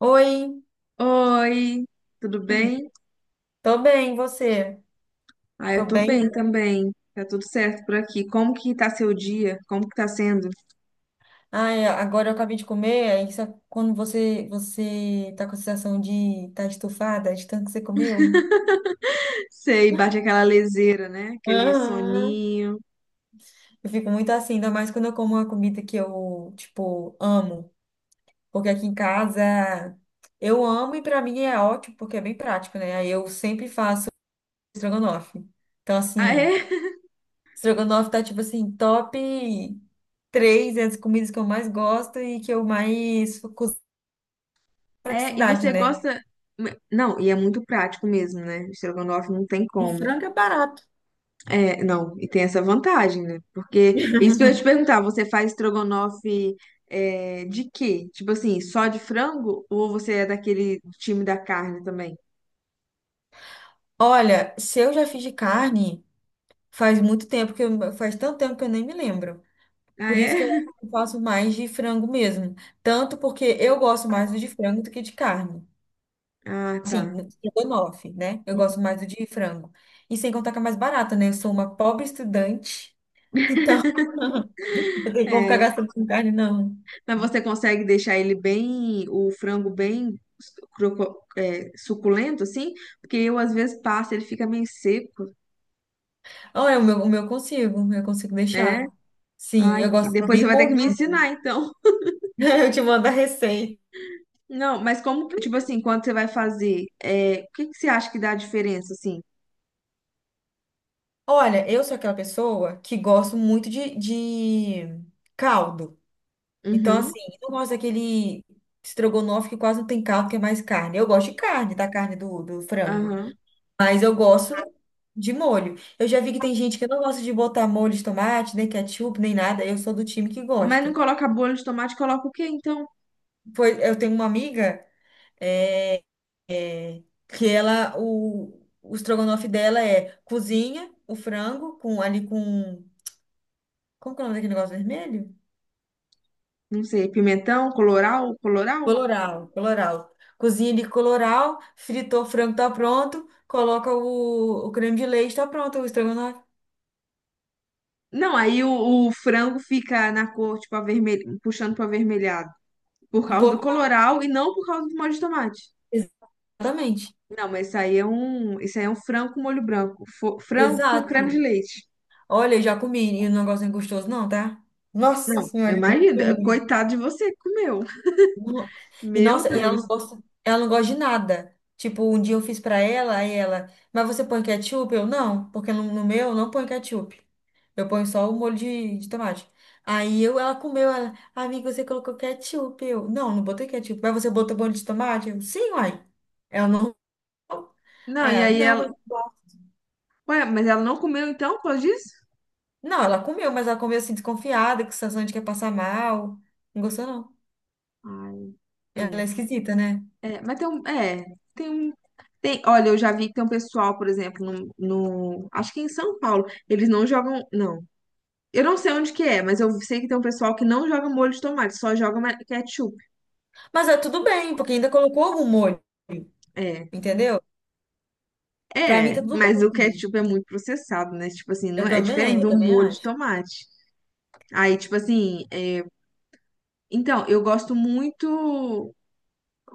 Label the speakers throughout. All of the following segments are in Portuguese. Speaker 1: Oi.
Speaker 2: Oi, tudo
Speaker 1: Uhum.
Speaker 2: bem?
Speaker 1: Tô bem, e você?
Speaker 2: Ah,
Speaker 1: Tô
Speaker 2: eu tô bem
Speaker 1: bem?
Speaker 2: também. Tá tudo certo por aqui. Como que tá seu dia? Como que tá sendo?
Speaker 1: Ai, agora eu acabei de comer, quando você tá com a sensação de tá estufada de tanto que você comeu.
Speaker 2: Sei, bate aquela leseira, né? Aquele
Speaker 1: Aham.
Speaker 2: soninho.
Speaker 1: Eu fico muito assim, ainda mais quando eu como uma comida que eu, tipo, amo. Porque aqui em casa eu amo e pra mim é ótimo, porque é bem prático, né? Aí eu sempre faço estrogonofe. Então,
Speaker 2: Ah,
Speaker 1: assim,
Speaker 2: é?
Speaker 1: estrogonofe tá, tipo assim, top três entre as comidas que eu mais gosto e que eu mais
Speaker 2: É, e
Speaker 1: praticidade,
Speaker 2: você
Speaker 1: né?
Speaker 2: gosta. Não, e é muito prático mesmo, né? Estrogonofe não tem
Speaker 1: Um
Speaker 2: como.
Speaker 1: frango é barato.
Speaker 2: É, não, e tem essa vantagem, né? Porque isso que eu ia te perguntar, você faz estrogonofe de quê? Tipo assim, só de frango? Ou você é daquele time da carne também?
Speaker 1: Olha, se eu já fiz de carne, faz tanto tempo que eu nem me lembro.
Speaker 2: Ah,
Speaker 1: Por isso que eu acho
Speaker 2: é?
Speaker 1: que eu faço mais de frango mesmo. Tanto porque eu gosto mais do de frango do que de carne.
Speaker 2: Ah, tá.
Speaker 1: Sim, estrogonofe, né? Eu gosto mais do de frango. E sem contar que é mais barata, né? Eu sou uma pobre estudante, então não tem como ficar
Speaker 2: É.
Speaker 1: gastando com carne, não.
Speaker 2: Mas você consegue deixar ele bem, o frango bem suculento, assim? Porque eu, às vezes, passo, ele fica meio seco.
Speaker 1: Olha, o meu eu consigo
Speaker 2: É?
Speaker 1: deixar. Sim,
Speaker 2: Ai,
Speaker 1: eu gosto
Speaker 2: depois você
Speaker 1: bem
Speaker 2: vai ter que
Speaker 1: molhado.
Speaker 2: me ensinar, então.
Speaker 1: Eu te mando a receita.
Speaker 2: Não, mas como, tipo assim, quando você vai fazer, o que que você acha que dá a diferença, assim?
Speaker 1: Olha, eu sou aquela pessoa que gosto muito de caldo. Então,
Speaker 2: Uhum,
Speaker 1: assim, eu não gosto daquele estrogonofe que quase não tem caldo, que é mais carne. Eu gosto de carne, da carne do frango.
Speaker 2: aham.
Speaker 1: Mas eu gosto de molho. Eu já vi que tem gente que não gosta de botar molho de tomate, nem ketchup, nem nada. Eu sou do time que
Speaker 2: Mas não
Speaker 1: gosta.
Speaker 2: coloca bolho de tomate, coloca o quê, então?
Speaker 1: Foi, eu tenho uma amiga, é, que ela, o estrogonofe dela é cozinha o frango com ali com. Como que é o nome daquele negócio vermelho?
Speaker 2: Não sei, pimentão, coloral, coloral?
Speaker 1: Coloral, coloral. Cozinha de coloral, fritou o frango, tá pronto. Coloca o creme de leite, tá pronto o estrogonofe.
Speaker 2: Não, aí o frango fica na cor, tipo, avermelho, puxando para avermelhado. Por
Speaker 1: Um
Speaker 2: causa do
Speaker 1: pouco.
Speaker 2: coloral e não por causa do molho de tomate.
Speaker 1: Exatamente.
Speaker 2: Não, mas isso aí é um frango com molho branco. Frango com creme de
Speaker 1: Exato.
Speaker 2: leite.
Speaker 1: Olha, eu já comi e o negócio não é gostoso, não, tá? Nossa
Speaker 2: Não,
Speaker 1: senhora, é muito
Speaker 2: imagina,
Speaker 1: ruim.
Speaker 2: coitado de você que comeu.
Speaker 1: No- E
Speaker 2: Meu
Speaker 1: nossa, e
Speaker 2: Deus.
Speaker 1: ela não gosta de nada. Tipo, um dia eu fiz pra ela, aí ela, mas você põe ketchup? Eu não, porque no meu eu não põe ketchup. Eu ponho só o molho de tomate. Ela comeu, ela, amiga, você colocou ketchup. Eu, não, não botei ketchup. Mas você botou molho de tomate? Eu, sim, uai. Ela não.
Speaker 2: Não, e aí
Speaker 1: Não, mas...
Speaker 2: ela. Ué, mas ela não comeu então, por causa disso?
Speaker 1: Não, ela comeu, mas ela comeu assim, desconfiada, com sensação de que ia passar mal. Não gostou, não.
Speaker 2: Ai,
Speaker 1: Ela é
Speaker 2: é.
Speaker 1: esquisita, né?
Speaker 2: É, mas tem um. É, tem um. Tem, olha, eu já vi que tem um pessoal, por exemplo, acho que em São Paulo, eles não jogam. Não. Eu não sei onde que é, mas eu sei que tem um pessoal que não joga molho de tomate, só joga ketchup.
Speaker 1: Mas é tudo bem, porque ainda colocou algum molho,
Speaker 2: É.
Speaker 1: entendeu? Pra mim
Speaker 2: É,
Speaker 1: tá tudo
Speaker 2: mas o
Speaker 1: bem.
Speaker 2: ketchup é muito processado, né? Tipo assim, não é, é diferente
Speaker 1: Eu
Speaker 2: do
Speaker 1: também
Speaker 2: molho de
Speaker 1: acho.
Speaker 2: tomate. Aí, tipo assim, então, eu gosto muito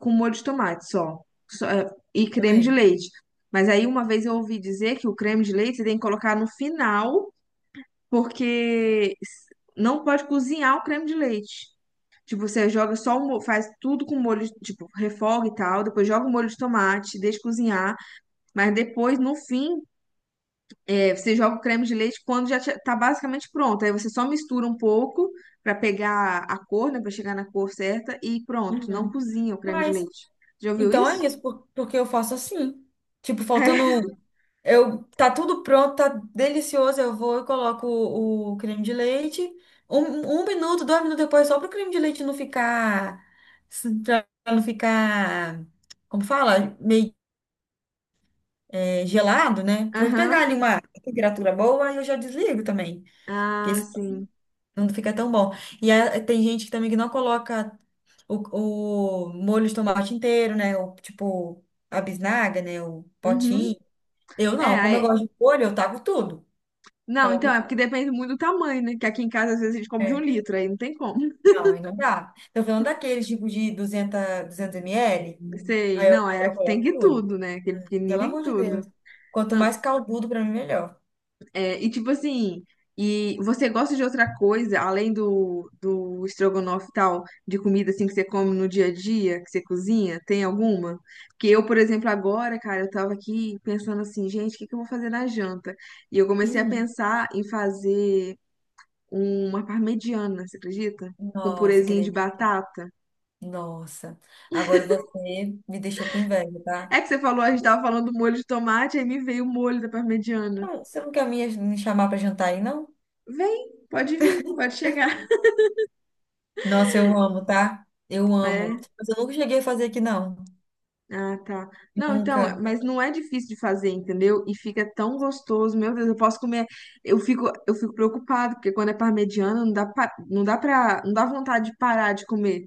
Speaker 2: com molho de tomate só. Só, e
Speaker 1: Eu
Speaker 2: creme de
Speaker 1: também.
Speaker 2: leite. Mas aí uma vez eu ouvi dizer que o creme de leite você tem que colocar no final, porque não pode cozinhar o creme de leite. Tipo, você joga só faz tudo com molho, tipo, refoga e tal, depois joga o molho de tomate, deixa cozinhar, mas depois, no fim, você joga o creme de leite quando já tá basicamente pronto. Aí você só mistura um pouco pra pegar a cor, né? Pra chegar na cor certa e pronto. Não
Speaker 1: Uhum.
Speaker 2: cozinha o creme de
Speaker 1: Mas
Speaker 2: leite. Já ouviu
Speaker 1: então é
Speaker 2: isso?
Speaker 1: isso, porque eu faço assim. Tipo, faltando um, tá tudo pronto, tá delicioso. Eu vou e coloco o creme de leite. Um minuto, 2 minutos depois, só para o creme de leite não ficar. Pra não ficar. Como fala? Meio gelado, né?
Speaker 2: É.
Speaker 1: Pra ele
Speaker 2: Aham.
Speaker 1: pegar ali uma temperatura boa, aí eu já desligo também.
Speaker 2: Ah, sim.
Speaker 1: Não fica tão bom. Tem gente que também que não coloca o molho de tomate inteiro, né? O, tipo, a bisnaga, né? O
Speaker 2: Uhum.
Speaker 1: potinho. Eu
Speaker 2: É,
Speaker 1: não, como eu
Speaker 2: aí...
Speaker 1: gosto de molho, eu taco tudo.
Speaker 2: Não,
Speaker 1: Coloco
Speaker 2: então é
Speaker 1: tudo.
Speaker 2: porque depende muito do tamanho, né? Que aqui em casa às vezes a gente compra de um
Speaker 1: É.
Speaker 2: litro, aí não tem como.
Speaker 1: Não, aí não dá. Tô falando daqueles tipo de 200, 200 ml,
Speaker 2: Sei.
Speaker 1: aí eu,
Speaker 2: Não, é
Speaker 1: eu
Speaker 2: aqui tem
Speaker 1: coloco
Speaker 2: que
Speaker 1: tudo.
Speaker 2: tudo, né? Aquele pequenininho
Speaker 1: Pelo
Speaker 2: tem que
Speaker 1: amor de
Speaker 2: tudo.
Speaker 1: Deus. Quanto
Speaker 2: Não,
Speaker 1: mais caldudo, pra mim, melhor.
Speaker 2: é. E tipo assim, e você gosta de outra coisa além do estrogonofe e tal, de comida assim que você come no dia a dia, que você cozinha? Tem alguma? Porque eu, por exemplo, agora, cara, eu tava aqui pensando assim, gente, o que que eu vou fazer na janta? E eu comecei a pensar em fazer uma parmegiana, você acredita?
Speaker 1: Uhum.
Speaker 2: Com
Speaker 1: Nossa, que
Speaker 2: purezinho de
Speaker 1: delícia.
Speaker 2: batata.
Speaker 1: Nossa. Agora você me deixou com inveja, tá?
Speaker 2: É que você falou, a gente tava falando do molho de tomate, aí me veio o molho da parmegiana.
Speaker 1: Não, você não quer me chamar pra jantar aí, não?
Speaker 2: Vem, pode vir, pode chegar.
Speaker 1: Nossa, eu amo, tá? Eu amo.
Speaker 2: É.
Speaker 1: Mas eu nunca cheguei a fazer aqui, não.
Speaker 2: Ah, tá. Não, então,
Speaker 1: Nunca.
Speaker 2: mas não é difícil de fazer, entendeu? E fica tão gostoso, meu Deus, eu posso comer. Eu fico preocupado, porque quando é parmegiana, não dá vontade de parar de comer.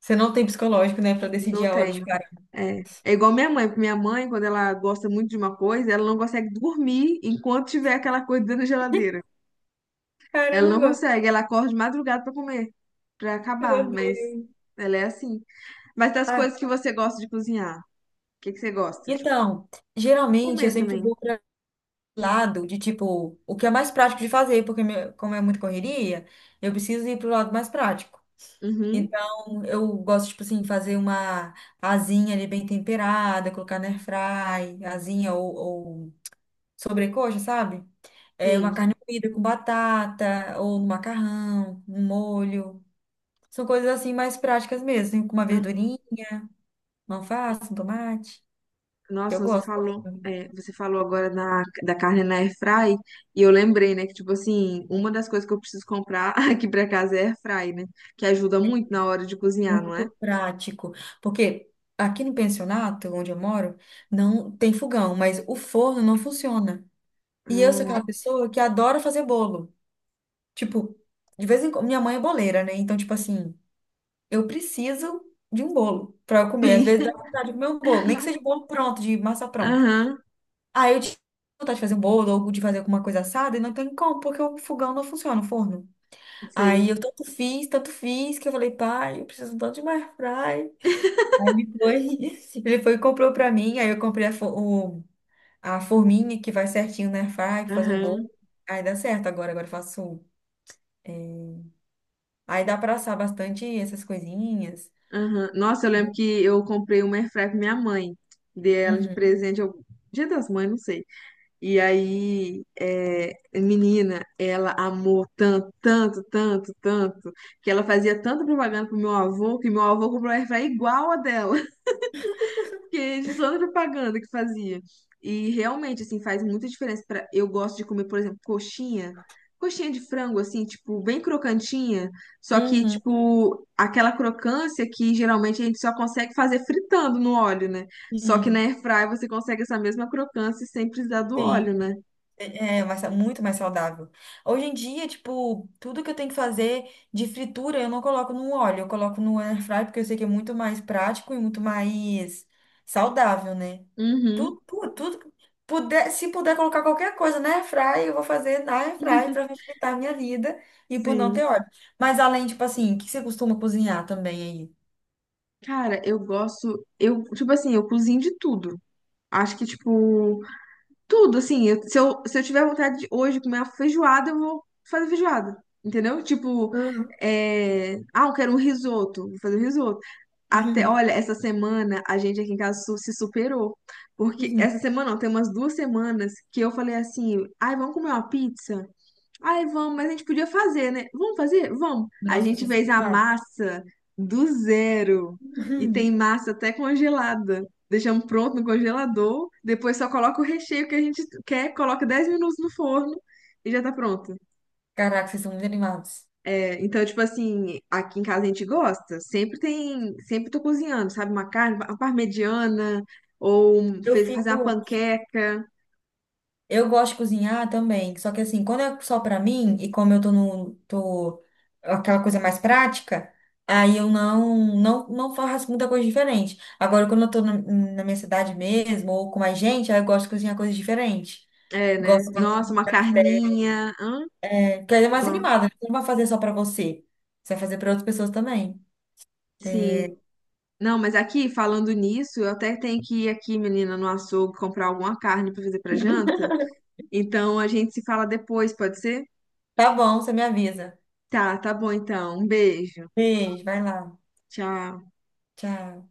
Speaker 1: Você não tem psicológico, né, pra decidir
Speaker 2: Não
Speaker 1: a hora
Speaker 2: tem.
Speaker 1: de parar.
Speaker 2: É. É igual minha mãe, porque minha mãe, quando ela gosta muito de uma coisa, ela não consegue dormir enquanto tiver aquela coisa dentro da geladeira. Ela não
Speaker 1: Caramba,
Speaker 2: consegue, ela acorda de madrugada pra comer, pra
Speaker 1: meu
Speaker 2: acabar, mas
Speaker 1: Deus.
Speaker 2: ela é assim. Mas das
Speaker 1: Ah,
Speaker 2: coisas que você gosta de cozinhar, o que que você gosta? Tipo,
Speaker 1: então, geralmente eu
Speaker 2: comer
Speaker 1: sempre
Speaker 2: também.
Speaker 1: vou para lado de tipo, o que é mais prático de fazer, porque como é muita correria, eu preciso ir pro lado mais prático.
Speaker 2: Uhum.
Speaker 1: Então, eu gosto, tipo assim, fazer uma asinha ali bem temperada, colocar na airfry, asinha ou sobrecoxa, sabe? É
Speaker 2: Sim,
Speaker 1: uma carne moída com batata, ou no macarrão, no molho. São coisas assim mais práticas mesmo, assim, com uma
Speaker 2: ah,
Speaker 1: verdurinha, uma alface, um tomate, que eu
Speaker 2: nossa, você
Speaker 1: gosto
Speaker 2: falou,
Speaker 1: também.
Speaker 2: agora da carne na airfry e eu lembrei, né, que tipo assim, uma das coisas que eu preciso comprar aqui pra casa é airfry, né, que ajuda muito na hora de cozinhar, não é?
Speaker 1: Muito prático. Porque aqui no pensionato, onde eu moro, não tem fogão, mas o forno não funciona. E eu sou
Speaker 2: Hum,
Speaker 1: aquela pessoa que adora fazer bolo. Tipo, de vez em quando, minha mãe é boleira, né? Então, tipo assim, eu preciso de um bolo para eu comer. Às
Speaker 2: sim,
Speaker 1: vezes dá vontade de comer um bolo, nem que seja um bolo pronto, de massa pronta.
Speaker 2: aham,
Speaker 1: Aí eu tinha vontade de fazer um bolo ou de fazer alguma coisa assada e não tem como, porque o fogão não funciona, o forno.
Speaker 2: sei,
Speaker 1: Aí eu tanto fiz, que eu falei, pai, eu preciso tanto de uma airfryer. Aí ele foi, ele foi e comprou pra mim, aí eu comprei o, a forminha que vai certinho na airfryer, pra fazer o
Speaker 2: aham,
Speaker 1: bolo. Aí dá certo agora, agora eu faço. Aí dá pra assar bastante essas coisinhas.
Speaker 2: aham. Nossa, eu lembro que eu comprei uma airfry pra minha mãe, dei ela de
Speaker 1: Uhum.
Speaker 2: presente, eu, Dia das Mães, não sei. E aí, menina, ela amou tanto, tanto, tanto, tanto, que ela fazia tanta propaganda pro meu avô, que meu avô comprou uma airfryer igual a dela, que é de toda propaganda que fazia. E realmente, assim, faz muita diferença. Para eu gosto de comer, por exemplo, coxinha, coxinha de frango, assim, tipo, bem crocantinha, só que,
Speaker 1: Uhum.
Speaker 2: tipo, aquela crocância que geralmente a gente só consegue fazer fritando no óleo, né? Só que na
Speaker 1: Sim,
Speaker 2: airfryer você consegue essa mesma crocância sem precisar do
Speaker 1: sim.
Speaker 2: óleo, né?
Speaker 1: É mais muito mais saudável. Hoje em dia, tipo, tudo que eu tenho que fazer de fritura, eu não coloco no óleo, eu coloco no air fry, porque eu sei que é muito mais prático e muito mais saudável, né?
Speaker 2: Uhum.
Speaker 1: Tudo, tudo, tudo que puder, se puder colocar qualquer coisa na air fry, eu vou fazer na air fry para facilitar a minha vida e por não
Speaker 2: Sim.
Speaker 1: ter óleo. Mas além, tipo assim, o que você costuma cozinhar também?
Speaker 2: Cara, eu gosto. Eu, tipo assim, eu cozinho de tudo. Acho que, tipo, tudo, assim. Se eu tiver vontade de hoje comer uma feijoada, eu vou fazer feijoada. Entendeu? Tipo,
Speaker 1: Hum. Aí? Uhum,
Speaker 2: ah, eu quero um risoto. Vou fazer um risoto. Até,
Speaker 1: uhum.
Speaker 2: olha, essa semana a gente aqui em casa se superou. Porque
Speaker 1: Uhum.
Speaker 2: essa semana, não, tem umas 2 semanas que eu falei assim, ai, vamos comer uma pizza? Ai, vamos, mas a gente podia fazer, né? Vamos fazer? Vamos. A
Speaker 1: Nossa,
Speaker 2: gente
Speaker 1: vocês são
Speaker 2: fez a
Speaker 1: animados.
Speaker 2: massa do zero. E tem
Speaker 1: Uhum.
Speaker 2: massa até congelada. Deixamos pronto no congelador. Depois só coloca o recheio que a gente quer, coloca 10 minutos no forno e já tá pronto.
Speaker 1: Caraca, vocês são muito animados.
Speaker 2: É, então, tipo assim, aqui em casa a gente gosta. Sempre tem. Sempre tô cozinhando, sabe? Uma carne, uma parmegiana. Ou
Speaker 1: Eu
Speaker 2: fazer uma
Speaker 1: fico.
Speaker 2: panqueca.
Speaker 1: Eu gosto de cozinhar também, só que assim, quando é só pra mim e como eu tô no tô aquela coisa mais prática, aí eu não faço muita coisa diferente. Agora quando eu tô na minha cidade mesmo ou com mais gente, aí eu gosto de cozinhar coisas diferentes.
Speaker 2: É, né?
Speaker 1: Gosto de,
Speaker 2: Nossa, uma carninha. Hã?
Speaker 1: porque aí é mais
Speaker 2: Nossa,
Speaker 1: animada, né? Você não vai fazer só pra você. Você vai fazer pra outras pessoas também. É,
Speaker 2: sim. Não, mas aqui, falando nisso, eu até tenho que ir aqui, menina, no açougue comprar alguma carne pra fazer pra janta. Então a gente se fala depois, pode ser?
Speaker 1: tá bom, você me avisa.
Speaker 2: Tá, tá bom então. Um beijo.
Speaker 1: Beijo, vai lá.
Speaker 2: Tchau.
Speaker 1: Tchau.